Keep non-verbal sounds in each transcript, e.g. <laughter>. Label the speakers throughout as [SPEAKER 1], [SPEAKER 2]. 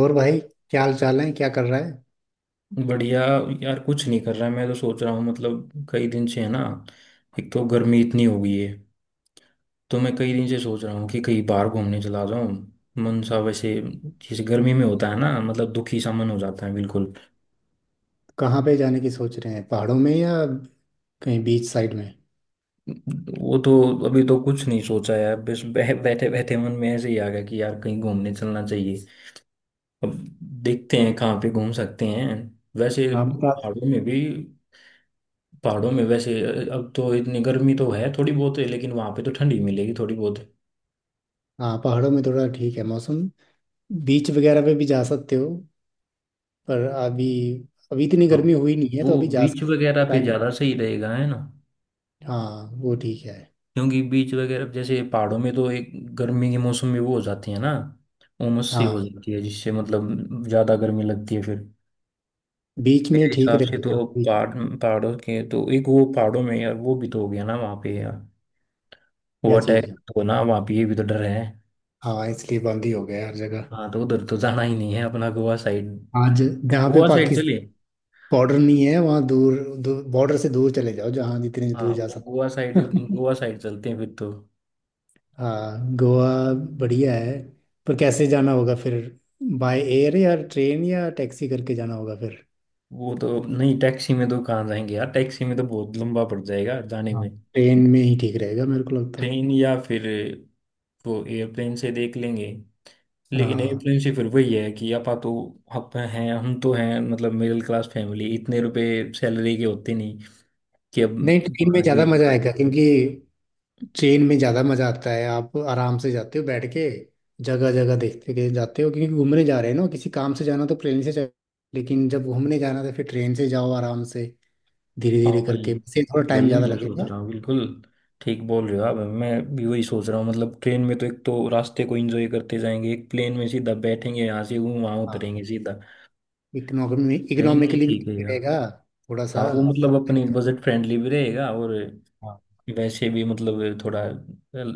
[SPEAKER 1] और भाई, क्या हाल चाल है? क्या कर रहा है?
[SPEAKER 2] बढ़िया। यार कुछ नहीं कर रहा है। मैं तो सोच रहा हूँ मतलब कई दिन से है ना। एक तो गर्मी इतनी हो गई है। तो मैं कई दिन से सोच रहा हूँ कि कहीं बाहर घूमने चला जाऊँ। मन सा वैसे जैसे गर्मी में होता है ना, मतलब दुखी सा मन हो जाता है बिल्कुल।
[SPEAKER 1] कहाँ पे जाने की सोच रहे हैं, पहाड़ों में या कहीं बीच साइड में?
[SPEAKER 2] वो तो अभी तो कुछ नहीं सोचा है बस <laughs> बैठे बैठे मन में ऐसे ही आ गया कि यार कहीं घूमने चलना चाहिए। अब देखते हैं कहाँ पे घूम सकते हैं। वैसे
[SPEAKER 1] हाँ बता।
[SPEAKER 2] पहाड़ों में भी। पहाड़ों में वैसे अब तो इतनी गर्मी तो है थोड़ी बहुत है, लेकिन वहां पे तो ठंडी मिलेगी थोड़ी बहुत।
[SPEAKER 1] हाँ, पहाड़ों में थोड़ा ठीक है मौसम। बीच वगैरह पे भी जा सकते हो, पर अभी अभी इतनी
[SPEAKER 2] हाँ,
[SPEAKER 1] गर्मी हुई नहीं है
[SPEAKER 2] वो
[SPEAKER 1] तो अभी जा
[SPEAKER 2] बीच
[SPEAKER 1] सकते हो।
[SPEAKER 2] वगैरह पे
[SPEAKER 1] टाइम है।
[SPEAKER 2] ज़्यादा सही रहेगा है ना।
[SPEAKER 1] हाँ वो ठीक है।
[SPEAKER 2] क्योंकि बीच वगैरह जैसे पहाड़ों में तो एक गर्मी के मौसम में वो हो जाती है ना, उमस सी हो
[SPEAKER 1] हाँ,
[SPEAKER 2] जाती है जिससे मतलब ज़्यादा गर्मी लगती है फिर।
[SPEAKER 1] बीच में
[SPEAKER 2] मेरे
[SPEAKER 1] ठीक
[SPEAKER 2] हिसाब से
[SPEAKER 1] रहेगा
[SPEAKER 2] तो
[SPEAKER 1] बीच।
[SPEAKER 2] पहाड़ों के तो एक वो, पहाड़ों में यार वो भी तो हो गया ना वहाँ पे यार, वो
[SPEAKER 1] क्या
[SPEAKER 2] अटैक
[SPEAKER 1] चीज़ है?
[SPEAKER 2] तो ना वहाँ पे, ये भी तो डर है।
[SPEAKER 1] हाँ, इसलिए बंद ही हो गया हर जगह।
[SPEAKER 2] हाँ तो उधर तो जाना ही नहीं है अपना, गोवा साइड।
[SPEAKER 1] आज जहाँ पे
[SPEAKER 2] गोवा साइड
[SPEAKER 1] पाकिस्तान
[SPEAKER 2] चलिए।
[SPEAKER 1] बॉर्डर नहीं है वहाँ दूर, दूर बॉर्डर से दूर चले जाओ जहाँ जितने
[SPEAKER 2] हाँ
[SPEAKER 1] दूर जा
[SPEAKER 2] वो गोवा साइड।
[SPEAKER 1] सकते <laughs>
[SPEAKER 2] गोवा साइड चलते हैं फिर तो।
[SPEAKER 1] हाँ गोवा, बढ़िया है। पर कैसे जाना होगा फिर? बाय एयर या ट्रेन या टैक्सी करके जाना होगा फिर।
[SPEAKER 2] वो तो नहीं, टैक्सी में तो कहाँ जाएंगे यार, टैक्सी में तो बहुत लंबा पड़ जाएगा जाने
[SPEAKER 1] हाँ,
[SPEAKER 2] में।
[SPEAKER 1] ट्रेन में ही ठीक रहेगा मेरे को लगता है।
[SPEAKER 2] ट्रेन या फिर वो एयरप्लेन से देख लेंगे। लेकिन
[SPEAKER 1] हाँ
[SPEAKER 2] एयरप्लेन से फिर वही है कि आपा तो आप हैं, हम तो हैं मतलब मिडिल क्लास फैमिली, इतने रुपए सैलरी के होते नहीं कि अब।
[SPEAKER 1] नहीं, ट्रेन में
[SPEAKER 2] माना
[SPEAKER 1] ज़्यादा
[SPEAKER 2] कि।
[SPEAKER 1] मज़ा आएगा, क्योंकि ट्रेन में ज़्यादा मज़ा आता है। आप आराम से जाते हो बैठ के, जगह जगह देखते के जाते हो। क्योंकि घूमने जा रहे हैं ना, किसी काम से जाना तो ट्रेन से जाओ, लेकिन जब घूमने जाना तो फिर ट्रेन से जाओ आराम से, धीरे
[SPEAKER 2] हाँ
[SPEAKER 1] धीरे
[SPEAKER 2] वही,
[SPEAKER 1] करके। इससे थोड़ा टाइम
[SPEAKER 2] वही
[SPEAKER 1] ज़्यादा
[SPEAKER 2] मैं सोच
[SPEAKER 1] लगेगा।
[SPEAKER 2] रहा हूँ बिल्कुल। ठीक बोल रहे हो आप। मैं भी वही सोच रहा हूँ, मतलब ट्रेन में तो एक तो रास्ते को एंजॉय करते जाएंगे, एक प्लेन में सीधा बैठेंगे यहाँ से, वो वहाँ
[SPEAKER 1] हाँ,
[SPEAKER 2] उतरेंगे सीधा।
[SPEAKER 1] इकोनॉमी
[SPEAKER 2] ट्रेन ही
[SPEAKER 1] इकोनॉमिकली भी
[SPEAKER 2] ठीक है
[SPEAKER 1] ठीक
[SPEAKER 2] यार।
[SPEAKER 1] रहेगा थोड़ा सा।
[SPEAKER 2] हाँ वो मतलब अपनी बजट फ्रेंडली भी रहेगा, और
[SPEAKER 1] हाँ।
[SPEAKER 2] वैसे भी मतलब थोड़ा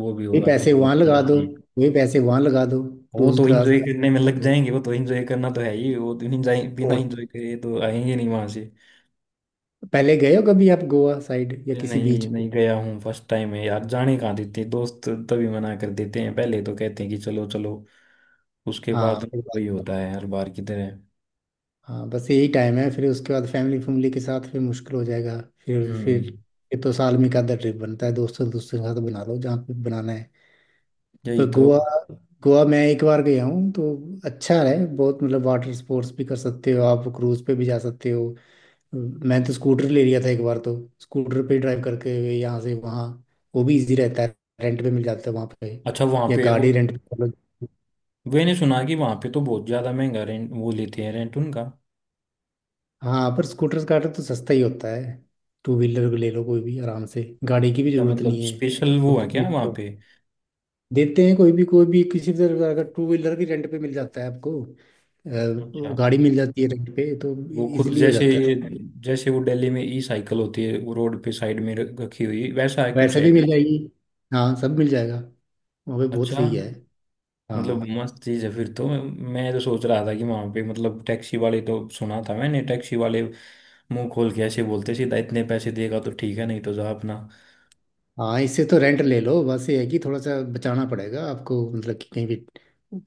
[SPEAKER 2] वो भी
[SPEAKER 1] ये
[SPEAKER 2] होगा कि
[SPEAKER 1] पैसे
[SPEAKER 2] हम
[SPEAKER 1] वहां लगा
[SPEAKER 2] जा
[SPEAKER 1] दो,
[SPEAKER 2] रहे हैं।
[SPEAKER 1] ये पैसे वहां लगा दो।
[SPEAKER 2] वो
[SPEAKER 1] क्रूज
[SPEAKER 2] तो
[SPEAKER 1] क्रास
[SPEAKER 2] एंजॉय करने में लग जाएंगे, वो तो एंजॉय करना तो है ही, वो तो बिना
[SPEAKER 1] और
[SPEAKER 2] एंजॉय करे तो आएंगे नहीं वहां से।
[SPEAKER 1] पहले गए हो कभी आप गोवा साइड या किसी बीच
[SPEAKER 2] नहीं,
[SPEAKER 1] पे?
[SPEAKER 2] नहीं गया हूँ, फर्स्ट टाइम है यार, जाने कहाँ देते हैं दोस्त, तभी मना कर देते हैं, पहले तो कहते हैं कि चलो चलो, उसके
[SPEAKER 1] हाँ
[SPEAKER 2] बाद तो
[SPEAKER 1] फिर बात-
[SPEAKER 2] वही होता है हर बार की तरह।
[SPEAKER 1] हाँ, बस यही टाइम है, फिर उसके बाद फैमिली, के साथ फिर मुश्किल हो जाएगा। फिर
[SPEAKER 2] हम्म।
[SPEAKER 1] ये तो साल में एक आधा ट्रिप बनता है दोस्तों, के साथ बना लो जहाँ पे बनाना है।
[SPEAKER 2] यही
[SPEAKER 1] पर
[SPEAKER 2] तो।
[SPEAKER 1] गोवा, मैं एक बार गया हूँ तो। अच्छा है बहुत, मतलब वाटर स्पोर्ट्स भी कर सकते हो, आप क्रूज पे भी जा सकते हो। मैं तो स्कूटर ले लिया था एक बार तो। स्कूटर पे ड्राइव करके हुए यहाँ से वहाँ, वो भी इजी रहता है। रेंट पे मिल जाता है वहाँ पे,
[SPEAKER 2] अच्छा वहां
[SPEAKER 1] या
[SPEAKER 2] पे वो,
[SPEAKER 1] गाड़ी रेंट पे कर लो।
[SPEAKER 2] मैंने सुना कि वहां पे तो बहुत ज्यादा महंगा रेंट वो लेते हैं, रेंट उनका।
[SPEAKER 1] हाँ, पर स्कूटर का तो सस्ता ही होता है। टू व्हीलर ले लो कोई भी आराम से, गाड़ी की भी
[SPEAKER 2] अच्छा,
[SPEAKER 1] जरूरत
[SPEAKER 2] मतलब
[SPEAKER 1] नहीं है।
[SPEAKER 2] स्पेशल वो है
[SPEAKER 1] दोस्त
[SPEAKER 2] क्या
[SPEAKER 1] मित्र
[SPEAKER 2] वहाँ
[SPEAKER 1] तो
[SPEAKER 2] पे।
[SPEAKER 1] देते हैं कोई भी, किसी भी तरह का टू व्हीलर भी रेंट पे मिल जाता है आपको।
[SPEAKER 2] अच्छा
[SPEAKER 1] गाड़ी मिल जाती है रेंट पे तो,
[SPEAKER 2] वो खुद
[SPEAKER 1] इजीली हो
[SPEAKER 2] जैसे
[SPEAKER 1] जाता
[SPEAKER 2] ये,
[SPEAKER 1] है।
[SPEAKER 2] जैसे वो दिल्ली में ई साइकिल होती है वो रोड पे साइड में रखी हुई, वैसा है कुछ
[SPEAKER 1] वैसे
[SPEAKER 2] है।
[SPEAKER 1] भी मिल जाएगी, हाँ सब मिल जाएगा। वहाँ पे बहुत
[SPEAKER 2] अच्छा,
[SPEAKER 1] सही है। हाँ।
[SPEAKER 2] मतलब मस्त चीज़ है फिर तो। मैं, मैं सोच रहा था कि वहाँ पे मतलब टैक्सी वाले तो, सुना था मैंने टैक्सी वाले मुंह खोल के ऐसे बोलते सीधा, इतने पैसे देगा तो ठीक है नहीं तो जा अपना।
[SPEAKER 1] हाँ, इससे तो रेंट ले लो, बस ये है कि थोड़ा सा बचाना पड़ेगा आपको, मतलब कि कहीं भी।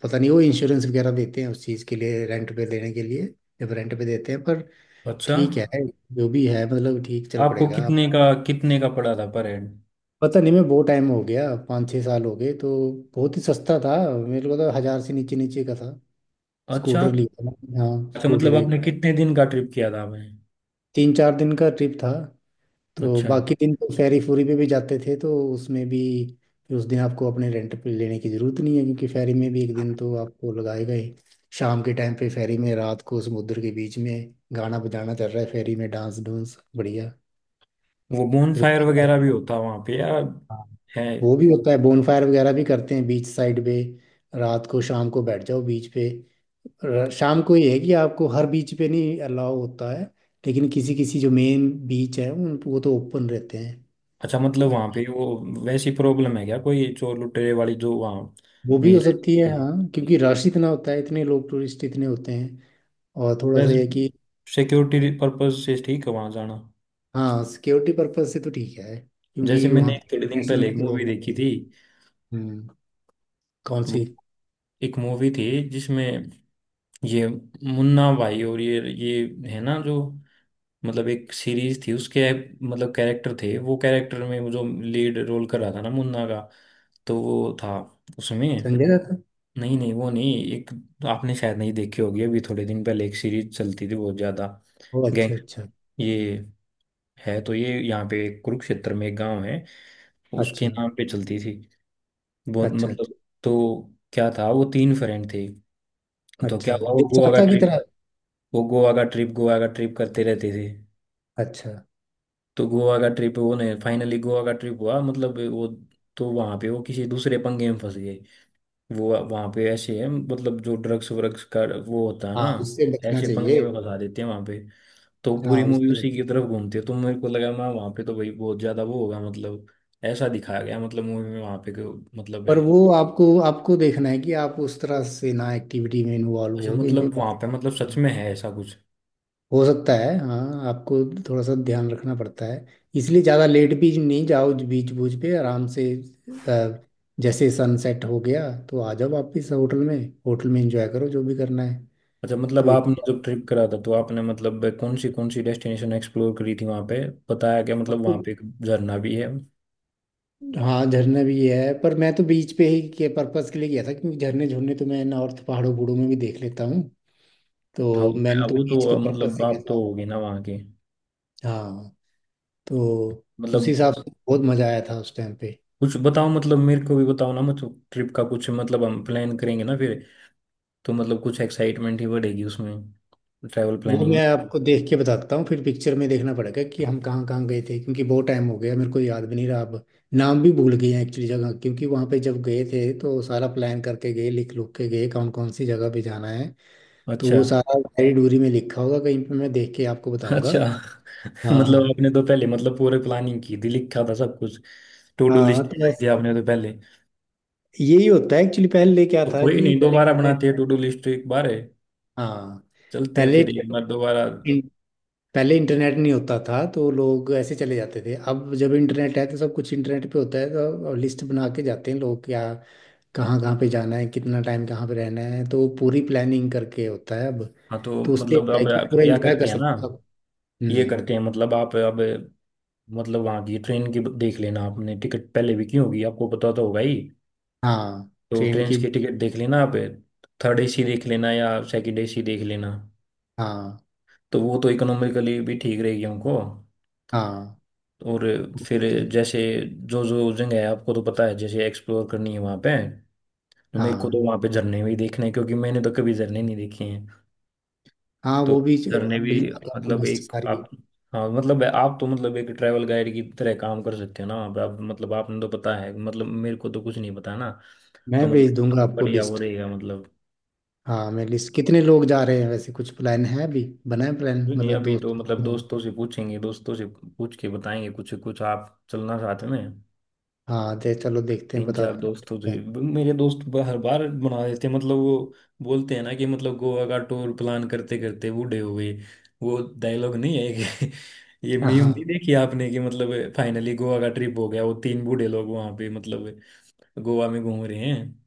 [SPEAKER 1] पता नहीं वो इंश्योरेंस वगैरह देते हैं उस चीज़ के लिए, रेंट पे देने के लिए जब रेंट पे देते हैं, पर
[SPEAKER 2] अच्छा,
[SPEAKER 1] ठीक है। जो भी है मतलब ठीक चल
[SPEAKER 2] आपको
[SPEAKER 1] पड़ेगा आप।
[SPEAKER 2] कितने का पड़ा था पर हेड।
[SPEAKER 1] पता नहीं, मैं बहुत टाइम हो गया, 5 छः साल हो गए तो। बहुत ही सस्ता था मेरे को तो, हज़ार से नीचे नीचे का था।
[SPEAKER 2] अच्छा
[SPEAKER 1] स्कूटर लिया था मैंने, हाँ
[SPEAKER 2] अच्छा,
[SPEAKER 1] स्कूटर
[SPEAKER 2] मतलब
[SPEAKER 1] एक।
[SPEAKER 2] आपने कितने दिन का ट्रिप किया था आपने।
[SPEAKER 1] 3 4 दिन का ट्रिप था, तो
[SPEAKER 2] अच्छा,
[SPEAKER 1] बाकी दिन तो फेरी फूरी पे भी जाते थे, तो उसमें भी फिर उस दिन आपको अपने रेंट पे लेने की ज़रूरत नहीं है, क्योंकि फेरी में भी एक दिन तो आपको लगाएगा ही। शाम के टाइम पे फेरी में, रात को समुद्र के बीच में गाना बजाना चल रहा है फेरी में, डांस डूंस बढ़िया।
[SPEAKER 2] वो बोन
[SPEAKER 1] फिर
[SPEAKER 2] फायर
[SPEAKER 1] उसके
[SPEAKER 2] वगैरह
[SPEAKER 1] बाद
[SPEAKER 2] भी होता वहां पे या
[SPEAKER 1] हाँ,
[SPEAKER 2] है।
[SPEAKER 1] वो भी होता है, बोनफायर वगैरह भी करते हैं बीच साइड पे। रात को शाम को बैठ जाओ बीच पे। शाम को ये है कि आपको हर बीच पे नहीं अलाउ होता है, लेकिन किसी किसी जो मेन बीच है उन, वो तो ओपन रहते
[SPEAKER 2] अच्छा मतलब
[SPEAKER 1] हैं।
[SPEAKER 2] वहां पे वो वैसी प्रॉब्लम है क्या, कोई चोर लुटेरे वाली जो वहां
[SPEAKER 1] वो भी
[SPEAKER 2] नहीं
[SPEAKER 1] हो सकती है
[SPEAKER 2] रहती।
[SPEAKER 1] हाँ, क्योंकि रश इतना होता है, इतने लोग टूरिस्ट इतने होते हैं, और थोड़ा
[SPEAKER 2] बस
[SPEAKER 1] सा ये कि।
[SPEAKER 2] सिक्योरिटी पर्पज से ठीक है वहां जाना।
[SPEAKER 1] हाँ, सिक्योरिटी पर्पज से तो ठीक है,
[SPEAKER 2] जैसे
[SPEAKER 1] क्योंकि
[SPEAKER 2] मैंने
[SPEAKER 1] वहाँ पे
[SPEAKER 2] एक थोड़े दिन पहले
[SPEAKER 1] इंटरनेशनल
[SPEAKER 2] एक
[SPEAKER 1] भी तो
[SPEAKER 2] मूवी
[SPEAKER 1] लोग आते
[SPEAKER 2] देखी
[SPEAKER 1] हैं।
[SPEAKER 2] थी।
[SPEAKER 1] हम्म। कौन सी?
[SPEAKER 2] वो एक मूवी थी जिसमें ये मुन्ना भाई और ये है ना जो, मतलब एक सीरीज थी उसके मतलब कैरेक्टर थे, वो कैरेक्टर में वो जो लीड रोल कर रहा था ना मुन्ना का, तो वो था उसमें।
[SPEAKER 1] संजय दत्त?
[SPEAKER 2] नहीं नहीं वो नहीं, एक आपने शायद नहीं देखी होगी, अभी थोड़े दिन पहले एक सीरीज चलती थी बहुत ज्यादा।
[SPEAKER 1] ओ अच्छा
[SPEAKER 2] गैंग,
[SPEAKER 1] अच्छा।
[SPEAKER 2] ये है तो ये यहाँ पे कुरुक्षेत्र में एक गांव है,
[SPEAKER 1] अच्छा
[SPEAKER 2] उसके नाम पे चलती थी, बहुत
[SPEAKER 1] अच्छा। अच्छा
[SPEAKER 2] मतलब। तो क्या था, वो तीन फ्रेंड थे। तो
[SPEAKER 1] अच्छा।
[SPEAKER 2] क्या हुआ वो गोवा का
[SPEAKER 1] देवचाता की
[SPEAKER 2] ट्रिप,
[SPEAKER 1] तरह।
[SPEAKER 2] वो गोवा का ट्रिप करते रहते थे।
[SPEAKER 1] अच्छा।
[SPEAKER 2] तो गोवा का ट्रिप वो नहीं, फाइनली गोवा का ट्रिप हुआ मतलब वो, तो वहां पे वो किसी दूसरे पंगे में फंस गए। वो वहाँ पे ऐसे है मतलब जो ड्रग्स व्रग्स का वो होता है ना,
[SPEAKER 1] हाँ, उससे बचना
[SPEAKER 2] ऐसे पंगे
[SPEAKER 1] चाहिए।
[SPEAKER 2] में फंसा देते हैं वहाँ पे। तो
[SPEAKER 1] हाँ
[SPEAKER 2] पूरी मूवी
[SPEAKER 1] उससे बच,
[SPEAKER 2] उसी की तरफ घूमती है, तो मेरे को लगा मैं वहाँ पे तो भाई बहुत ज्यादा वो होगा मतलब, ऐसा दिखाया गया मतलब मूवी में वहाँ पे मतलब है।
[SPEAKER 1] पर वो आपको, देखना है कि आप उस तरह से ना एक्टिविटी में इन्वॉल्व
[SPEAKER 2] अच्छा
[SPEAKER 1] हो कहीं पे,
[SPEAKER 2] मतलब वहाँ
[SPEAKER 1] बस।
[SPEAKER 2] पे मतलब सच में है ऐसा कुछ।
[SPEAKER 1] हो सकता है, हाँ। आपको थोड़ा सा ध्यान रखना पड़ता है, इसलिए ज़्यादा लेट भी नहीं जाओ बीच बूच पे। आराम से अ, जैसे सनसेट हो गया तो आ जाओ वापस होटल में। होटल में एंजॉय करो जो भी करना है।
[SPEAKER 2] अच्छा मतलब
[SPEAKER 1] तो
[SPEAKER 2] आपने
[SPEAKER 1] इधर
[SPEAKER 2] जब ट्रिप करा था तो आपने मतलब कौन सी डेस्टिनेशन एक्सप्लोर करी थी वहाँ पे, बताया क्या, मतलब वहाँ पे एक झरना भी है।
[SPEAKER 1] हाँ, झरना भी है, पर मैं तो बीच पे ही के पर्पस के लिए गया था, क्योंकि झरने झुरने तो मैं नॉर्थ पहाड़ों बूढ़ों में भी देख लेता हूँ।
[SPEAKER 2] हाँ,
[SPEAKER 1] तो मैंने तो
[SPEAKER 2] वो
[SPEAKER 1] बीच के
[SPEAKER 2] तो
[SPEAKER 1] पर्पस
[SPEAKER 2] मतलब
[SPEAKER 1] से गया
[SPEAKER 2] आप तो
[SPEAKER 1] था।
[SPEAKER 2] होगी ना वहाँ के
[SPEAKER 1] हाँ तो उस
[SPEAKER 2] मतलब,
[SPEAKER 1] हिसाब से बहुत मज़ा आया था उस टाइम पे।
[SPEAKER 2] कुछ बताओ मतलब मेरे को भी बताओ ना मतलब ट्रिप का कुछ, मतलब हम प्लान करेंगे ना फिर, तो मतलब कुछ एक्साइटमेंट ही बढ़ेगी उसमें, ट्रैवल
[SPEAKER 1] वो
[SPEAKER 2] प्लानिंग में।
[SPEAKER 1] मैं आपको देख के बताता हूँ, फिर पिक्चर में देखना पड़ेगा कि हम कहाँ कहाँ गए थे, क्योंकि बहुत टाइम हो गया, मेरे को याद भी नहीं रहा अब। नाम भी भूल गए हैं एक्चुअली जगह, क्योंकि वहाँ पे जब गए थे तो सारा प्लान करके गए, लिख लुख के गए कौन कौन सी जगह पे जाना है। तो
[SPEAKER 2] अच्छा
[SPEAKER 1] वो सारा डायरी डूरी में लिखा होगा कहीं पे, मैं देख के आपको बताऊंगा।
[SPEAKER 2] अच्छा। <laughs> मतलब
[SPEAKER 1] हाँ।
[SPEAKER 2] आपने तो पहले मतलब पूरे प्लानिंग की थी, लिखा था सब कुछ, टू डू
[SPEAKER 1] हाँ
[SPEAKER 2] लिस्ट
[SPEAKER 1] तो
[SPEAKER 2] बनाई थी आपने तो पहले।
[SPEAKER 1] यही होता है एक्चुअली। पहले क्या
[SPEAKER 2] तो
[SPEAKER 1] था
[SPEAKER 2] कोई
[SPEAKER 1] कि
[SPEAKER 2] नहीं,
[SPEAKER 1] पहले
[SPEAKER 2] दोबारा
[SPEAKER 1] इंटरनेट,
[SPEAKER 2] बनाते हैं टू डू लिस्ट एक बार, है
[SPEAKER 1] हाँ
[SPEAKER 2] चलते हैं
[SPEAKER 1] पहले
[SPEAKER 2] फिर एक बार दोबारा।
[SPEAKER 1] इन- पहले इंटरनेट नहीं होता था तो लोग ऐसे चले जाते थे। अब जब इंटरनेट है तो सब कुछ इंटरनेट पे होता है, तो लिस्ट बना के जाते हैं लोग क्या, कहाँ कहाँ पे जाना है, कितना टाइम कहाँ पे रहना है, तो पूरी प्लानिंग करके होता है अब।
[SPEAKER 2] हाँ तो
[SPEAKER 1] तो उससे
[SPEAKER 2] मतलब
[SPEAKER 1] होता
[SPEAKER 2] अब
[SPEAKER 1] है कि
[SPEAKER 2] आप
[SPEAKER 1] पूरा
[SPEAKER 2] क्या
[SPEAKER 1] एंजॉय कर
[SPEAKER 2] करते हैं ना,
[SPEAKER 1] सकते हो।
[SPEAKER 2] ये
[SPEAKER 1] हम्म।
[SPEAKER 2] करते हैं मतलब आप अब, मतलब वहाँ की ट्रेन की देख लेना, आपने टिकट पहले भी की होगी आपको पता तो होगा ही।
[SPEAKER 1] हाँ
[SPEAKER 2] तो
[SPEAKER 1] ट्रेन
[SPEAKER 2] ट्रेन
[SPEAKER 1] की।
[SPEAKER 2] की टिकट देख लेना आप, थर्ड एसी देख लेना या सेकंड एसी देख लेना।
[SPEAKER 1] हाँ।
[SPEAKER 2] तो वो तो इकोनॉमिकली भी ठीक रहेगी हमको।
[SPEAKER 1] हाँ।
[SPEAKER 2] और फिर जैसे जो जो जगह है आपको तो पता है जैसे एक्सप्लोर करनी है वहाँ पे, तो मेरे को
[SPEAKER 1] हाँ
[SPEAKER 2] तो
[SPEAKER 1] वो,
[SPEAKER 2] वहाँ पे झरने भी देखने हैं क्योंकि मैंने तो कभी झरने नहीं देखे हैं।
[SPEAKER 1] हाँ
[SPEAKER 2] तो
[SPEAKER 1] वो भी
[SPEAKER 2] झरने भी,
[SPEAKER 1] मिल जाएगा आपको,
[SPEAKER 2] मतलब
[SPEAKER 1] लिस्ट
[SPEAKER 2] एक
[SPEAKER 1] सारी
[SPEAKER 2] आप, हाँ मतलब आप तो मतलब एक ट्रैवल गाइड की तरह काम कर सकते हो ना, मतलब आपने तो पता है, मतलब मेरे को तो कुछ नहीं पता ना।
[SPEAKER 1] मैं
[SPEAKER 2] तो
[SPEAKER 1] भेज
[SPEAKER 2] मतलब
[SPEAKER 1] दूंगा आपको,
[SPEAKER 2] बढ़िया वो
[SPEAKER 1] लिस्ट।
[SPEAKER 2] रहेगा मतलब।
[SPEAKER 1] हाँ मैं लिस्ट। कितने लोग जा रहे हैं वैसे? कुछ प्लान है, अभी बना है प्लान
[SPEAKER 2] नहीं
[SPEAKER 1] मतलब
[SPEAKER 2] अभी तो
[SPEAKER 1] दोस्त?
[SPEAKER 2] मतलब दोस्तों से पूछेंगे, दोस्तों से पूछ के बताएंगे कुछ कुछ, आप चलना साथ में।
[SPEAKER 1] हाँ दे चलो, देखते हैं
[SPEAKER 2] तीन चार
[SPEAKER 1] बताते
[SPEAKER 2] दोस्तों से
[SPEAKER 1] हैं।
[SPEAKER 2] मेरे दोस्त हर बार बना देते हैं, मतलब वो बोलते हैं ना कि मतलब गोवा का टूर प्लान करते करते बूढ़े हो गए। वो डायलॉग नहीं है कि, <laughs> ये मीम नहीं
[SPEAKER 1] हाँ।
[SPEAKER 2] देखी आपने कि मतलब फाइनली गोवा का ट्रिप हो गया, वो तीन बूढ़े लोग वहां पे मतलब गोवा में घूम रहे हैं,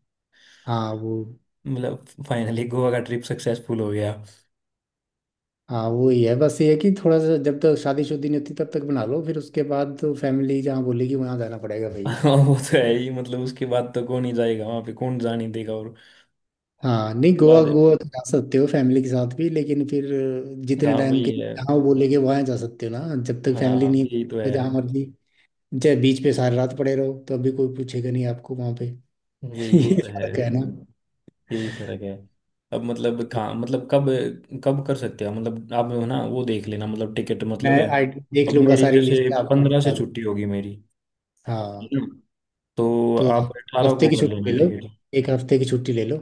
[SPEAKER 1] हाँ वो,
[SPEAKER 2] मतलब फाइनली गोवा का ट्रिप सक्सेसफुल हो गया।
[SPEAKER 1] हाँ वो ही है, बस ये है कि थोड़ा सा जब तक शादीशुदी नहीं होती तब तक बना लो, फिर उसके बाद तो फैमिली जहाँ बोलेगी वहाँ जाना पड़ेगा
[SPEAKER 2] <laughs>
[SPEAKER 1] भाई।
[SPEAKER 2] वो तो है ही मतलब, उसके बाद तो कौन ही जाएगा वहां पे, कौन जाने देगा और
[SPEAKER 1] हाँ नहीं, गोवा,
[SPEAKER 2] बाद।
[SPEAKER 1] तो जा सकते हो फैमिली के साथ भी, लेकिन फिर जितने
[SPEAKER 2] हाँ
[SPEAKER 1] टाइम के
[SPEAKER 2] वही
[SPEAKER 1] लिए
[SPEAKER 2] है।
[SPEAKER 1] जहाँ वो बोलेगे वहाँ जा सकते हो ना, जब तक फैमिली
[SPEAKER 2] हाँ
[SPEAKER 1] नहीं
[SPEAKER 2] यही
[SPEAKER 1] बोलती,
[SPEAKER 2] तो
[SPEAKER 1] तो
[SPEAKER 2] है।
[SPEAKER 1] जहाँ मर्जी चाहे बीच पे सारी रात पड़े रहो, तो अभी कोई पूछेगा नहीं आपको वहाँ पे। <laughs>
[SPEAKER 2] यही वो
[SPEAKER 1] ये
[SPEAKER 2] तो है।
[SPEAKER 1] फर्क है ना।
[SPEAKER 2] यही फर्क है। अब मतलब कहाँ मतलब कब, कब कर सकते हैं मतलब आप ना वो देख लेना, मतलब टिकट
[SPEAKER 1] मैं
[SPEAKER 2] मतलब है।
[SPEAKER 1] आई देख
[SPEAKER 2] अब
[SPEAKER 1] लूंगा,
[SPEAKER 2] मेरी
[SPEAKER 1] सारी
[SPEAKER 2] जैसे
[SPEAKER 1] लिस्ट आपको
[SPEAKER 2] 15 से
[SPEAKER 1] बता दूँ।
[SPEAKER 2] छुट्टी होगी मेरी। ठीक
[SPEAKER 1] हाँ
[SPEAKER 2] है? तो
[SPEAKER 1] तो
[SPEAKER 2] आप
[SPEAKER 1] आप
[SPEAKER 2] 18
[SPEAKER 1] हफ्ते
[SPEAKER 2] को
[SPEAKER 1] की
[SPEAKER 2] कर
[SPEAKER 1] छुट्टी
[SPEAKER 2] लेना
[SPEAKER 1] ले लो,
[SPEAKER 2] टिकट।
[SPEAKER 1] 1 हफ्ते की छुट्टी ले लो।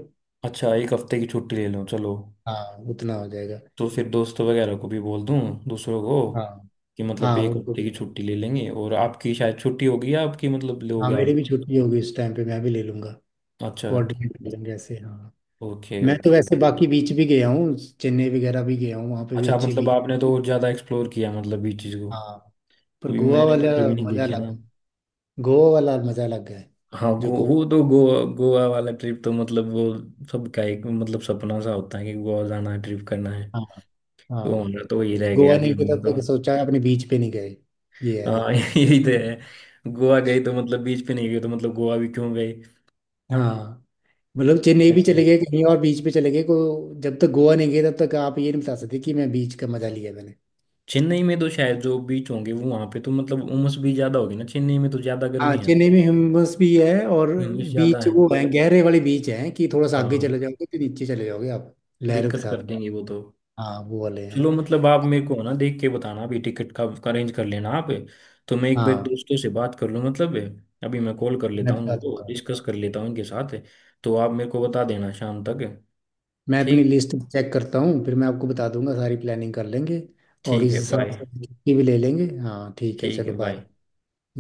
[SPEAKER 2] अच्छा, एक हफ्ते की छुट्टी ले लो, चलो।
[SPEAKER 1] हाँ उतना हो जाएगा।
[SPEAKER 2] तो फिर दोस्तों वगैरह को भी बोल दूं दूसरों को
[SPEAKER 1] हाँ।
[SPEAKER 2] कि मतलब
[SPEAKER 1] हाँ
[SPEAKER 2] एक
[SPEAKER 1] उनको,
[SPEAKER 2] हफ्ते की छुट्टी ले लेंगे, और आपकी शायद छुट्टी होगी या आपकी मतलब,
[SPEAKER 1] हाँ
[SPEAKER 2] लोगे आप।
[SPEAKER 1] मेरी भी छुट्टी होगी इस टाइम पे, मैं भी ले लूंगा।
[SPEAKER 2] अच्छा,
[SPEAKER 1] कोऑर्डिनेट कर लेंगे ऐसे, हाँ।
[SPEAKER 2] ओके
[SPEAKER 1] मैं तो
[SPEAKER 2] ओके।
[SPEAKER 1] वैसे बाकी बीच भी गया हूँ, चेन्नई वगैरह भी गया हूँ, वहाँ पे भी
[SPEAKER 2] अच्छा
[SPEAKER 1] अच्छे
[SPEAKER 2] मतलब
[SPEAKER 1] बीच।
[SPEAKER 2] आपने तो ज्यादा एक्सप्लोर किया मतलब ये चीज को,
[SPEAKER 1] हाँ, पर
[SPEAKER 2] भी
[SPEAKER 1] गोवा
[SPEAKER 2] मैंने
[SPEAKER 1] वाला
[SPEAKER 2] तो कभी नहीं
[SPEAKER 1] मजा
[SPEAKER 2] देखे
[SPEAKER 1] अलग
[SPEAKER 2] ना।
[SPEAKER 1] है। गोवा वाला मजा अलग है।
[SPEAKER 2] हाँ
[SPEAKER 1] जो गोवा,
[SPEAKER 2] वो तो गोवा, गोवा वाला ट्रिप तो मतलब वो सबका एक मतलब सपना सा होता है कि गोवा जाना है, ट्रिप करना है।
[SPEAKER 1] हाँ।
[SPEAKER 2] तो
[SPEAKER 1] हाँ,
[SPEAKER 2] हमारा तो वही रह
[SPEAKER 1] गोवा
[SPEAKER 2] गया कि
[SPEAKER 1] नहीं गया
[SPEAKER 2] हमने
[SPEAKER 1] तब
[SPEAKER 2] तो,
[SPEAKER 1] तक सोचा अपने बीच पे नहीं गए। ये है तब
[SPEAKER 2] हाँ। <laughs>
[SPEAKER 1] तक।
[SPEAKER 2] यही तो है, गोवा गए तो मतलब बीच पे नहीं गए तो मतलब गोवा भी क्यों गए।
[SPEAKER 1] हाँ, मतलब चेन्नई भी
[SPEAKER 2] ऐसे
[SPEAKER 1] चले गए, कहीं और बीच पे चले गए को, जब तक गोवा नहीं गए तब तक आप ये नहीं बता सकते कि मैं बीच का मजा लिया मैंने।
[SPEAKER 2] चेन्नई में तो शायद जो बीच होंगे वो वहाँ पे तो मतलब उमस भी ज्यादा होगी ना, चेन्नई में तो ज्यादा
[SPEAKER 1] हाँ,
[SPEAKER 2] गर्मी है ना,
[SPEAKER 1] चेन्नई में ह्यूमस भी है, और
[SPEAKER 2] उमस ज्यादा
[SPEAKER 1] बीच
[SPEAKER 2] है।
[SPEAKER 1] वो है गहरे वाले बीच हैं कि थोड़ा सा आगे
[SPEAKER 2] हाँ
[SPEAKER 1] चले जाओगे तो नीचे चले जाओगे आप, लहरों के
[SPEAKER 2] दिक्कत कर
[SPEAKER 1] साथ।
[SPEAKER 2] देंगे वो तो।
[SPEAKER 1] हाँ वो वाले हैं।
[SPEAKER 2] चलो मतलब आप मेरे को ना देख के बताना अभी टिकट का, अरेंज कर लेना आप। तो मैं एक बार
[SPEAKER 1] हाँ,
[SPEAKER 2] दोस्तों से बात कर लूँ मतलब, अभी मैं कॉल कर
[SPEAKER 1] मैं
[SPEAKER 2] लेता हूँ
[SPEAKER 1] बता
[SPEAKER 2] उनको,
[SPEAKER 1] दूंगा,
[SPEAKER 2] डिस्कस कर लेता हूँ उनके साथ। तो आप मेरे को बता देना शाम तक।
[SPEAKER 1] मैं अपनी
[SPEAKER 2] ठीक।
[SPEAKER 1] लिस्ट चेक करता हूँ, फिर मैं आपको बता दूंगा, सारी प्लानिंग कर लेंगे, और
[SPEAKER 2] ठीक
[SPEAKER 1] इस
[SPEAKER 2] है,
[SPEAKER 1] हिसाब
[SPEAKER 2] बाय।
[SPEAKER 1] से छुट्टी भी ले लेंगे। हाँ ठीक है
[SPEAKER 2] ठीक है,
[SPEAKER 1] चलो
[SPEAKER 2] बाय।
[SPEAKER 1] बाय।